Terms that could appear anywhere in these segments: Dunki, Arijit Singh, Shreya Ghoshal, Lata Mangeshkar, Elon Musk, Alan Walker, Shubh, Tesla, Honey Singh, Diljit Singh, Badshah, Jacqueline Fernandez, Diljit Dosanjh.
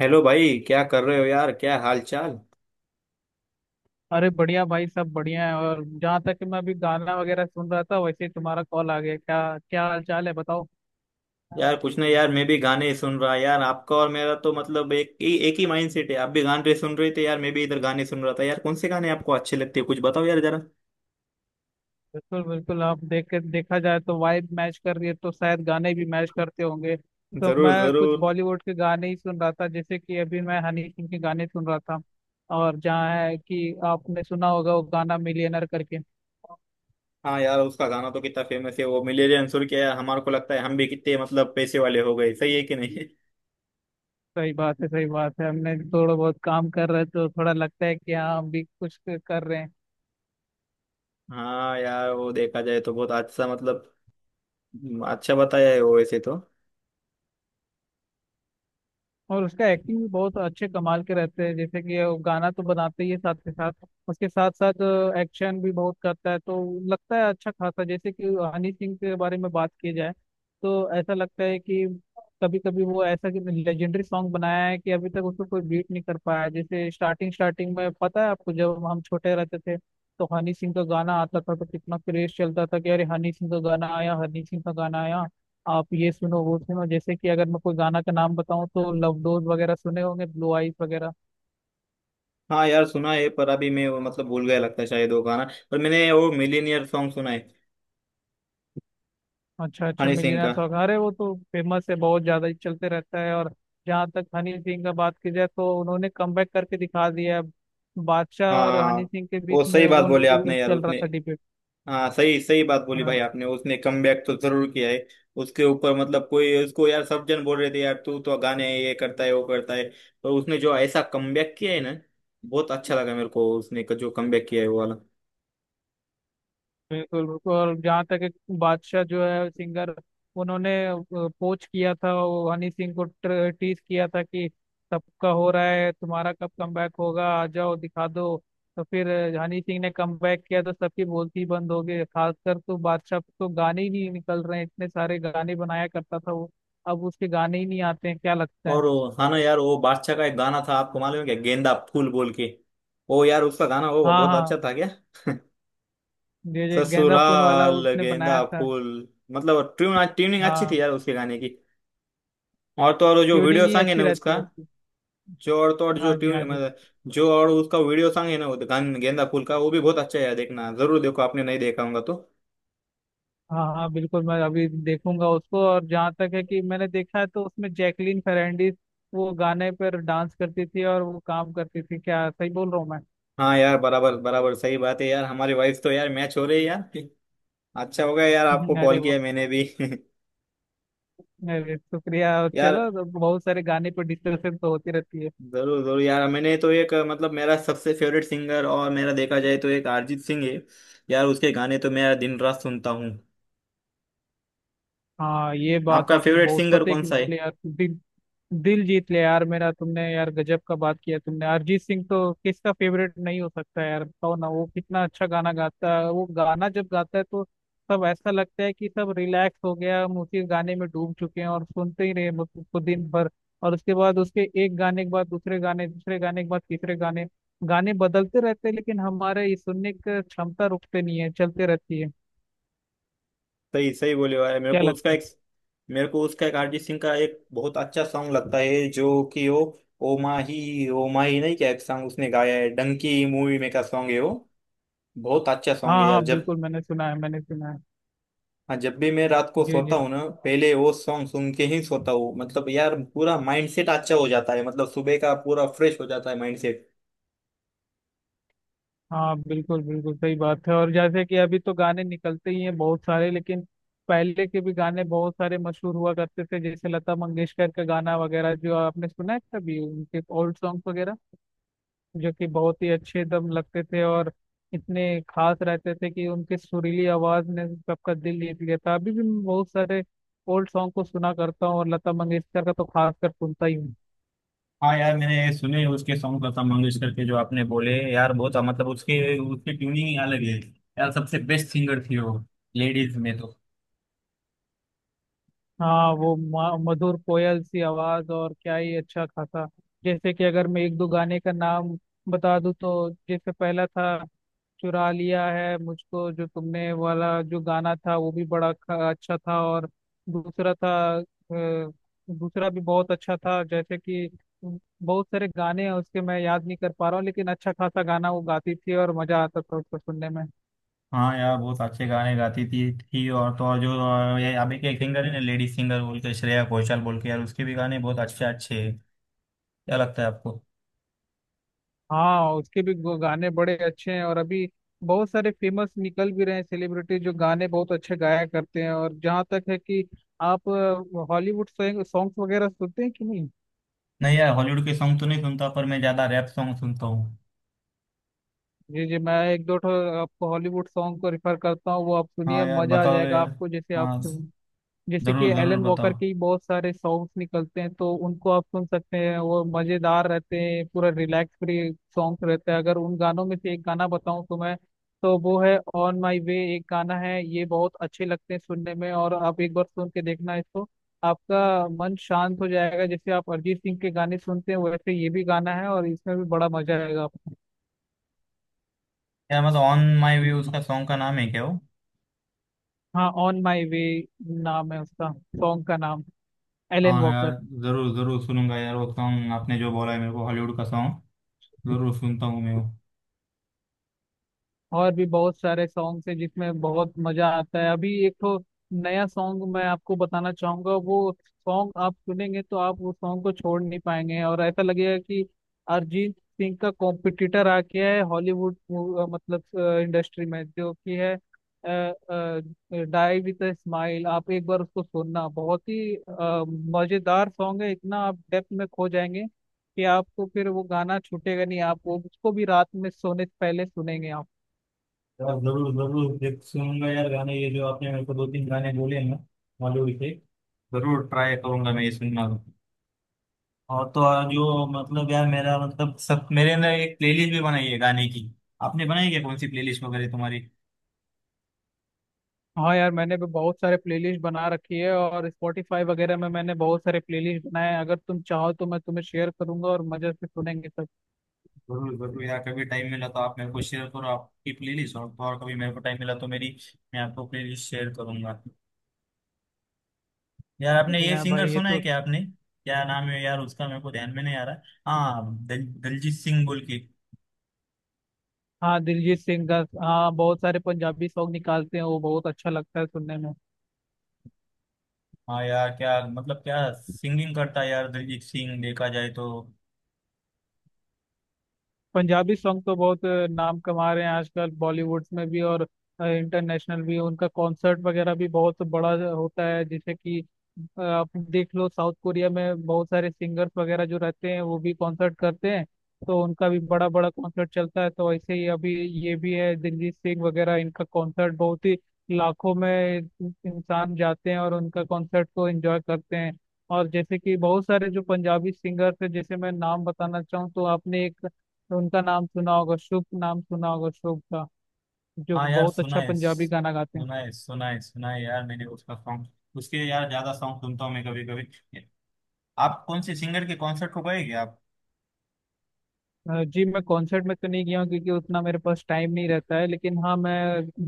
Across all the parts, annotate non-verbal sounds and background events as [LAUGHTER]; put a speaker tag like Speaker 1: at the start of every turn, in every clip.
Speaker 1: Hello भाई, क्या कर रहे हो यार? क्या हाल चाल?
Speaker 2: अरे बढ़िया भाई सब बढ़िया है और जहाँ तक कि मैं अभी गाना वगैरह सुन रहा था वैसे ही तुम्हारा कॉल आ गया क्या। क्या हाल चाल है बताओ।
Speaker 1: यार कुछ नहीं यार, मैं भी गाने ही सुन रहा। यार आपका और मेरा तो मतलब एक ही माइंड सेट है। आप भी गाने सुन रहे थे यार, मैं भी इधर गाने सुन रहा था। यार कौन से गाने आपको अच्छे लगते हैं, कुछ बताओ यार जरा।
Speaker 2: बिल्कुल बिल्कुल, आप देख के देखा जाए तो वाइब मैच कर रही है तो शायद गाने भी मैच करते होंगे। तो
Speaker 1: जरूर
Speaker 2: मैं कुछ
Speaker 1: जरूर।
Speaker 2: बॉलीवुड के गाने ही सुन रहा था, जैसे कि अभी मैं हनी सिंह के गाने सुन रहा था। और जहाँ है कि आपने सुना होगा वो गाना मिलियनर करके।
Speaker 1: हाँ यार, उसका गाना तो कितना फेमस है वो मिलेनियर अंसुर क्या। यार हमारे को लगता है हम भी कितने मतलब पैसे वाले हो गए। सही है कि नहीं? [LAUGHS]
Speaker 2: सही बात है, सही बात है, हमने थोड़ा बहुत काम कर रहे हैं तो थोड़ा लगता है कि हाँ हम भी कुछ कर रहे हैं।
Speaker 1: हाँ यार, वो देखा जाए तो बहुत अच्छा मतलब। अच्छा बताया है वो वैसे तो।
Speaker 2: और उसका एक्टिंग भी बहुत अच्छे कमाल के रहते हैं, जैसे कि वो गाना तो बनाते ही है साथ के साथ, उसके साथ साथ एक्शन भी बहुत करता है। तो लगता है अच्छा खासा, जैसे कि हनी सिंह के बारे में बात की जाए तो ऐसा लगता है कि कभी कभी वो ऐसा कि लेजेंडरी सॉन्ग बनाया है कि अभी तक उसको कोई बीट नहीं कर पाया है। जैसे स्टार्टिंग स्टार्टिंग में पता है आपको, जब हम छोटे रहते थे तो हनी सिंह का गाना आता था तो कितना क्रेज चलता था कि अरे हनी सिंह का गाना आया, हनी सिंह का गाना आया। आप ये सुनो वो सुनो, जैसे कि अगर मैं कोई गाना का नाम बताऊं तो लव डोज वगैरह सुने होंगे, ब्लू आइज वगैरह।
Speaker 1: हाँ यार सुना है, पर अभी मैं वो मतलब भूल गया लगता है शायद वो गाना। पर मैंने वो मिलीनियर सॉन्ग सुना है।
Speaker 2: अच्छा अच्छा,
Speaker 1: हनी सिंह
Speaker 2: मिलियनर
Speaker 1: का।
Speaker 2: सॉन्ग, अरे वो तो फेमस है, बहुत ज्यादा ही चलते रहता है। और जहाँ तक हनी सिंह का बात की जाए तो उन्होंने कमबैक करके दिखा दिया है। बादशाह और
Speaker 1: हाँ,
Speaker 2: हनी सिंह के
Speaker 1: वो
Speaker 2: बीच
Speaker 1: सही
Speaker 2: में
Speaker 1: बात
Speaker 2: वो
Speaker 1: बोले आपने यार
Speaker 2: चल रहा
Speaker 1: उसने।
Speaker 2: था डिबेट।
Speaker 1: हाँ, सही सही बात बोली भाई आपने, उसने कमबैक तो जरूर किया है। उसके ऊपर मतलब कोई उसको यार सब जन बोल रहे थे यार, तू तो गाने ये करता है वो करता है। पर उसने जो ऐसा कमबैक किया है ना, बहुत अच्छा लगा मेरे को उसने का जो कमबैक किया है वो वाला।
Speaker 2: बिल्कुल बिल्कुल, और जहाँ तक एक बादशाह जो है सिंगर, उन्होंने पोच किया था वो, हनी सिंह को टीज किया था कि सबका हो रहा है तुम्हारा कब कमबैक होगा, आ जाओ दिखा दो। तो फिर हनी सिंह ने कमबैक किया तो सबकी बोलती बंद हो गई, खासकर तो बादशाह पे तो गाने ही नहीं निकल रहे हैं, इतने सारे गाने बनाया करता था वो। अब उसके गाने ही नहीं आते हैं, क्या लगता है।
Speaker 1: हाँ ना यार, वो बादशाह का एक गाना था, आपको मालूम है क्या, गेंदा फूल बोल के। वो यार उसका गाना वो
Speaker 2: हाँ
Speaker 1: बहुत अच्छा
Speaker 2: हाँ,
Speaker 1: था क्या।
Speaker 2: ये
Speaker 1: [LAUGHS]
Speaker 2: जो गेंदा फूल वाला
Speaker 1: ससुराल
Speaker 2: उसने बनाया
Speaker 1: गेंदा
Speaker 2: था।
Speaker 1: फूल। मतलब ट्यूनिंग अच्छी थी
Speaker 2: हाँ,
Speaker 1: यार उसके गाने की। और तो और वो जो
Speaker 2: ट्यूनिंग
Speaker 1: वीडियो
Speaker 2: ही
Speaker 1: सॉन्ग है
Speaker 2: अच्छी
Speaker 1: ना
Speaker 2: रहती है
Speaker 1: उसका।
Speaker 2: उसकी।
Speaker 1: जो और तो और जो
Speaker 2: हाँ जी,
Speaker 1: ट्यून
Speaker 2: हाँ जी।
Speaker 1: मतलब। जो और उसका वीडियो सॉन्ग है ना, वो गान गेंदा फूल का, वो भी बहुत अच्छा है यार। देखना, जरूर देखो, आपने नहीं देखा होगा तो।
Speaker 2: हाँ हाँ बिल्कुल, मैं अभी देखूंगा उसको। और जहाँ तक है कि मैंने देखा है तो उसमें जैकलीन फर्नांडीज वो गाने पर डांस करती थी और वो काम करती थी क्या, सही बोल रहा हूँ
Speaker 1: हाँ यार, बराबर बराबर, सही बात है यार। हमारी वाइफ तो यार मैच हो रही है यार। अच्छा हो गया यार
Speaker 2: मैं।
Speaker 1: आपको
Speaker 2: [LAUGHS] अरे
Speaker 1: कॉल
Speaker 2: वो,
Speaker 1: किया मैंने भी।
Speaker 2: अरे शुक्रिया। और
Speaker 1: [LAUGHS] यार,
Speaker 2: चलो, तो बहुत सारे गाने पर डिस्कशन तो होती रहती है।
Speaker 1: जरूर जरूर यार। मैंने तो एक मतलब मेरा सबसे फेवरेट सिंगर और मेरा देखा जाए तो एक अरिजीत सिंह है। यार उसके गाने तो मैं दिन रात सुनता हूँ।
Speaker 2: हाँ ये बात
Speaker 1: आपका
Speaker 2: आपने
Speaker 1: फेवरेट
Speaker 2: बहुत
Speaker 1: सिंगर
Speaker 2: पते
Speaker 1: कौन
Speaker 2: की
Speaker 1: सा है?
Speaker 2: बोले यार। दिल जीत ले यार मेरा तुमने, यार गजब का बात किया तुमने। अरिजीत सिंह तो किसका फेवरेट नहीं हो सकता यार, बताओ ना, वो कितना अच्छा गाना गाता है। वो गाना जब गाता है तो सब ऐसा लगता है कि सब रिलैक्स हो गया, हम उसी गाने में डूब चुके हैं और सुनते ही रहे बस उसको दिन भर। और उसके बाद, उसके एक गाने के बाद दूसरे गाने, दूसरे गाने के बाद तीसरे गाने, गाने बदलते रहते हैं लेकिन हमारे ये सुनने की क्षमता रुकते नहीं है, चलते रहती है।
Speaker 1: सही सही बोले भाई। मेरे
Speaker 2: क्या
Speaker 1: को उसका
Speaker 2: लगता है।
Speaker 1: एक, मेरे को उसका एक अरिजीत सिंह का एक बहुत अच्छा सॉन्ग लगता है जो कि वो ओ माही नहीं क्या, एक सॉन्ग उसने गाया है डंकी मूवी में का सॉन्ग है वो। बहुत अच्छा
Speaker 2: हाँ
Speaker 1: सॉन्ग है
Speaker 2: हाँ
Speaker 1: यार। जब,
Speaker 2: बिल्कुल, मैंने सुना है, मैंने सुना है।
Speaker 1: हाँ, जब भी मैं रात को
Speaker 2: जी
Speaker 1: सोता
Speaker 2: जी।
Speaker 1: हूँ ना, पहले वो सॉन्ग सुन के ही सोता हूँ। मतलब यार पूरा माइंडसेट अच्छा हो जाता है, मतलब सुबह का पूरा फ्रेश हो जाता है माइंडसेट।
Speaker 2: हाँ बिल्कुल बिल्कुल सही बात है। और जैसे कि अभी तो गाने निकलते ही हैं बहुत सारे, लेकिन पहले के भी गाने बहुत सारे मशहूर हुआ करते थे, जैसे लता मंगेशकर का गाना वगैरह जो आपने सुना है कभी, उनके ओल्ड सॉन्ग वगैरह, जो कि बहुत ही अच्छे दम लगते थे और इतने खास रहते थे कि उनके सुरीली आवाज ने सबका दिल जीत लिया था। अभी भी मैं बहुत सारे ओल्ड सॉन्ग को सुना करता हूँ और लता मंगेशकर का तो खास कर सुनता ही हूँ।
Speaker 1: हाँ यार, मैंने सुने उसके सॉन्ग लता मंगेशकर के जो आपने बोले यार, बहुत मतलब उसके उसकी ट्यूनिंग ही अलग है। यार सबसे बेस्ट सिंगर थी वो, लेडीज में तो।
Speaker 2: हाँ वो मधुर कोयल सी आवाज, और क्या ही अच्छा खासा। जैसे कि अगर मैं एक दो गाने का नाम बता दूं तो जैसे पहला था चुरा लिया है मुझको जो तुमने वाला, जो गाना था वो भी बड़ा अच्छा था। और दूसरा था, अ, दूसरा भी बहुत अच्छा था। जैसे कि बहुत सारे गाने हैं उसके, मैं याद नहीं कर पा रहा हूँ, लेकिन अच्छा खासा गाना वो गाती थी और मजा आता था उसको सुनने में।
Speaker 1: हाँ यार, बहुत अच्छे गाने गाती थी थी। और तो और जो ये अभी के सिंगर है ना लेडीज सिंगर बोल के, श्रेया घोषाल बोल के, यार उसके भी गाने बहुत अच्छे अच्छे हैं। क्या लगता है आपको?
Speaker 2: हाँ, उसके भी गाने बड़े अच्छे हैं। और अभी बहुत सारे फेमस निकल भी रहे हैं सेलिब्रिटी, जो गाने बहुत अच्छे गाया करते हैं। और जहाँ तक है कि आप हॉलीवुड सॉन्ग वगैरह सुनते हैं कि नहीं।
Speaker 1: नहीं यार, हॉलीवुड के सॉन्ग तो नहीं सुनता, पर मैं ज्यादा रैप सॉन्ग सुनता हूँ।
Speaker 2: जी जी, मैं एक दो ठो आपको हॉलीवुड सॉन्ग को रेफर करता हूँ, वो आप सुनिए,
Speaker 1: हाँ यार
Speaker 2: मजा आ
Speaker 1: बताओ
Speaker 2: जाएगा
Speaker 1: यार।
Speaker 2: आपको। जैसे आप,
Speaker 1: हाँ,
Speaker 2: जैसे कि
Speaker 1: जरूर जरूर
Speaker 2: एलन
Speaker 1: बताओ।
Speaker 2: वॉकर के ही बहुत सारे सॉन्ग्स निकलते हैं, तो उनको आप सुन सकते हैं। वो मजेदार रहते हैं, पूरा रिलैक्स फ्री सॉन्ग्स रहते हैं। अगर उन गानों में से एक गाना बताऊं तो मैं, तो वो है ऑन माई वे, एक गाना है, ये बहुत अच्छे लगते हैं सुनने में, और आप एक बार सुन के देखना इसको। आपका मन शांत हो जाएगा, जैसे आप अरिजीत सिंह के गाने सुनते हैं वैसे ये भी गाना है, और इसमें भी बड़ा मजा आएगा आपको।
Speaker 1: यार मतलब ऑन माई व्यू उसका सॉन्ग का नाम है क्या वो?
Speaker 2: हाँ, ऑन माई वे नाम है उसका, सॉन्ग का नाम, एलन
Speaker 1: हाँ यार,
Speaker 2: वॉकर।
Speaker 1: जरूर जरूर सुनूंगा यार वो सॉन्ग आपने जो बोला है मेरे को हॉलीवुड का सॉन्ग। जरूर सुनता हूँ मैं वो।
Speaker 2: और भी बहुत सारे सॉन्ग्स हैं जिसमें बहुत मजा आता है। अभी एक तो नया सॉन्ग मैं आपको बताना चाहूंगा, वो सॉन्ग आप सुनेंगे तो आप वो सॉन्ग को छोड़ नहीं पाएंगे, और ऐसा लगेगा कि अरिजीत सिंह का कॉम्पिटिटर आ गया है हॉलीवुड मतलब इंडस्ट्री में, जो कि है डाई विद अ स्माइल। आप एक बार उसको सुनना, बहुत ही मजेदार सॉन्ग है, इतना आप डेप्थ में खो जाएंगे कि आपको फिर वो गाना छूटेगा नहीं, आप वो उसको भी रात में सोने से पहले सुनेंगे आप।
Speaker 1: यार जरूर जरूर देख सुनूंगा यार गाने, ये जो आपने मेरे को दो तीन गाने बोले हैं ना बॉलीवुड के, जरूर ट्राई करूंगा मैं ये सुनना। और तो और जो मतलब यार, मेरा मतलब सब मेरे अंदर एक प्लेलिस्ट भी बनाई है गाने की। आपने बनाई क्या, कौन सी प्लेलिस्ट वगैरह तुम्हारी?
Speaker 2: हाँ यार, मैंने भी बहुत सारे प्लेलिस्ट बना रखी है, और स्पॉटिफाई वगैरह में मैंने बहुत सारे प्लेलिस्ट बनाए हैं। अगर तुम चाहो तो मैं तुम्हें शेयर करूंगा और मजे से सुनेंगे सब।
Speaker 1: जरूर जरूर यार, कभी टाइम मिला तो आप मेरे को शेयर करो आपकी प्लेलिस्ट, और तो और कभी मेरे को टाइम मिला तो मेरी, मैं आपको प्लेलिस्ट शेयर करूंगा। यार आपने ये
Speaker 2: हाँ
Speaker 1: सिंगर
Speaker 2: भाई ये
Speaker 1: सुना है
Speaker 2: तो,
Speaker 1: क्या आपने? क्या नाम है यार उसका, मेरे को ध्यान में नहीं आ रहा। हाँ, दलजीत सिंह बोल के।
Speaker 2: हाँ, दिलजीत सिंह का, हाँ बहुत सारे पंजाबी सॉन्ग निकालते हैं वो, बहुत अच्छा लगता है सुनने में।
Speaker 1: हाँ यार, क्या मतलब क्या सिंगिंग करता है यार दिलजीत सिंह देखा जाए तो।
Speaker 2: पंजाबी सॉन्ग तो बहुत नाम कमा रहे हैं आजकल बॉलीवुड में भी, और इंटरनेशनल भी उनका कॉन्सर्ट वगैरह भी बहुत बड़ा होता है। जैसे कि आप देख लो, साउथ कोरिया में बहुत सारे सिंगर्स वगैरह जो रहते हैं वो भी कॉन्सर्ट करते हैं, तो उनका भी बड़ा बड़ा कॉन्सर्ट चलता है। तो ऐसे ही अभी ये भी है दिलजीत सिंह वगैरह, इनका कॉन्सर्ट बहुत ही लाखों में इंसान जाते हैं और उनका कॉन्सर्ट को एंजॉय करते हैं। और जैसे कि बहुत सारे जो पंजाबी सिंगर्स हैं, जैसे मैं नाम बताना चाहूँ तो आपने एक तो उनका नाम सुना होगा, शुभ नाम सुना होगा, शुभ का, जो
Speaker 1: हाँ यार,
Speaker 2: बहुत
Speaker 1: सुना
Speaker 2: अच्छा
Speaker 1: है
Speaker 2: पंजाबी गाना गाते हैं।
Speaker 1: सुना है सुना है सुना है यार, मैंने उसका सॉन्ग, उसके यार ज्यादा सॉन्ग सुनता हूँ मैं कभी कभी। आप कौन से सिंगर के कॉन्सर्ट को गए क्या आप?
Speaker 2: जी, मैं कॉन्सर्ट में तो नहीं गया हूँ, क्योंकि उतना मेरे पास टाइम नहीं रहता है, लेकिन हाँ मैं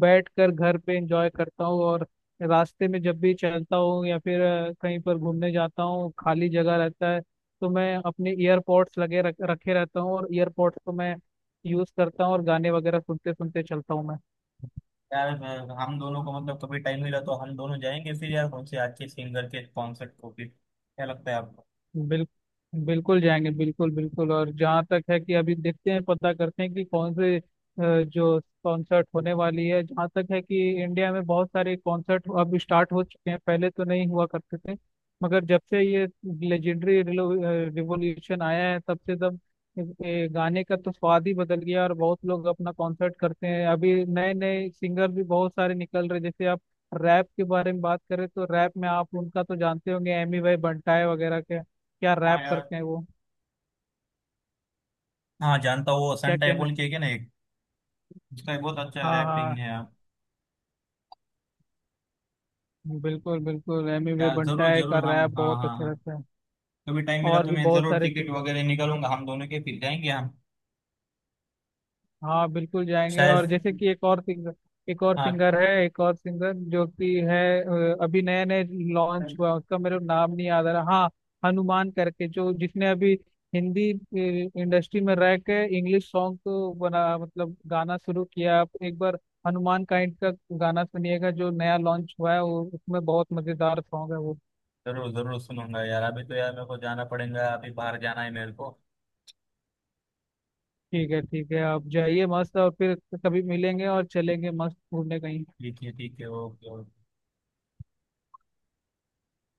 Speaker 2: बैठ कर घर पे एंजॉय करता हूँ। और रास्ते में जब भी चलता हूँ या फिर कहीं पर घूमने जाता हूँ, खाली जगह रहता है तो मैं अपने ईयरपॉड्स लगे रखे रहता हूँ, और ईयरपॉड्स को मैं यूज करता हूँ और गाने वगैरह सुनते सुनते चलता हूँ मैं।
Speaker 1: यार हम दोनों को मतलब कभी टाइम मिला तो हम दोनों जाएंगे फिर यार, कौन से अच्छे सिंगर के कॉन्सर्ट को फिर, क्या लगता है आपको?
Speaker 2: बिल, बिल्कुल जाएंगे, बिल्कुल बिल्कुल। और जहाँ तक है कि अभी देखते हैं, पता करते हैं कि कौन से जो कॉन्सर्ट होने वाली है। जहाँ तक है कि इंडिया में बहुत सारे कॉन्सर्ट अब स्टार्ट हो चुके हैं, पहले तो नहीं हुआ करते थे, मगर जब से ये लेजेंडरी रिवोल्यूशन आया है, तब से तब ये गाने का तो स्वाद ही बदल गया, और बहुत लोग अपना कॉन्सर्ट करते हैं। अभी नए नए सिंगर भी बहुत सारे निकल रहे हैं। जैसे आप रैप के बारे में बात करें तो रैप में आप उनका तो जानते होंगे, एमी भाई बंटाए वगैरह के, क्या
Speaker 1: हाँ
Speaker 2: रैप
Speaker 1: यार।
Speaker 2: करते हैं वो।
Speaker 1: हाँ जानता हूँ वो
Speaker 2: क्या
Speaker 1: सन टाइप
Speaker 2: कहना
Speaker 1: बोल के है
Speaker 2: चाहिए।
Speaker 1: क्या ना एक। उसका बहुत अच्छा
Speaker 2: हाँ
Speaker 1: रैपिंग
Speaker 2: हाँ,
Speaker 1: है यार।
Speaker 2: बिल्कुल बिल्कुल, एमी वे
Speaker 1: यार जरूर
Speaker 2: बंटाए का
Speaker 1: जरूर हम,
Speaker 2: रैप
Speaker 1: हाँ
Speaker 2: बहुत
Speaker 1: हाँ
Speaker 2: अच्छा
Speaker 1: हाँ,
Speaker 2: रहता है।
Speaker 1: कभी टाइम मिला
Speaker 2: और
Speaker 1: तो
Speaker 2: भी
Speaker 1: मैं
Speaker 2: बहुत
Speaker 1: जरूर
Speaker 2: सारे
Speaker 1: टिकट
Speaker 2: सिंगर,
Speaker 1: वगैरह निकालूंगा हम दोनों के, फिर जाएंगे हम।
Speaker 2: हाँ बिल्कुल जाएंगे। और
Speaker 1: शायद।
Speaker 2: जैसे कि
Speaker 1: हाँ
Speaker 2: एक और सिंगर जो कि है, अभी नए नए लॉन्च हुआ, उसका मेरे को नाम नहीं याद आ रहा, हाँ, हनुमान करके, जो जिसने अभी हिंदी इंडस्ट्री में रह के इंग्लिश सॉन्ग को बना मतलब गाना शुरू किया। आप एक बार हनुमान काइंड का गाना सुनिएगा, जो नया लॉन्च हुआ है वो, उसमें बहुत मजेदार सॉन्ग है वो।
Speaker 1: जरूर जरूर सुनूंगा यार। अभी तो यार मेरे को जाना पड़ेगा, अभी बाहर जाना है मेरे को।
Speaker 2: ठीक है ठीक है, आप जाइए मस्त, और फिर कभी मिलेंगे और चलेंगे मस्त घूमने कहीं।
Speaker 1: ठीक है ठीक है, ओके ओके।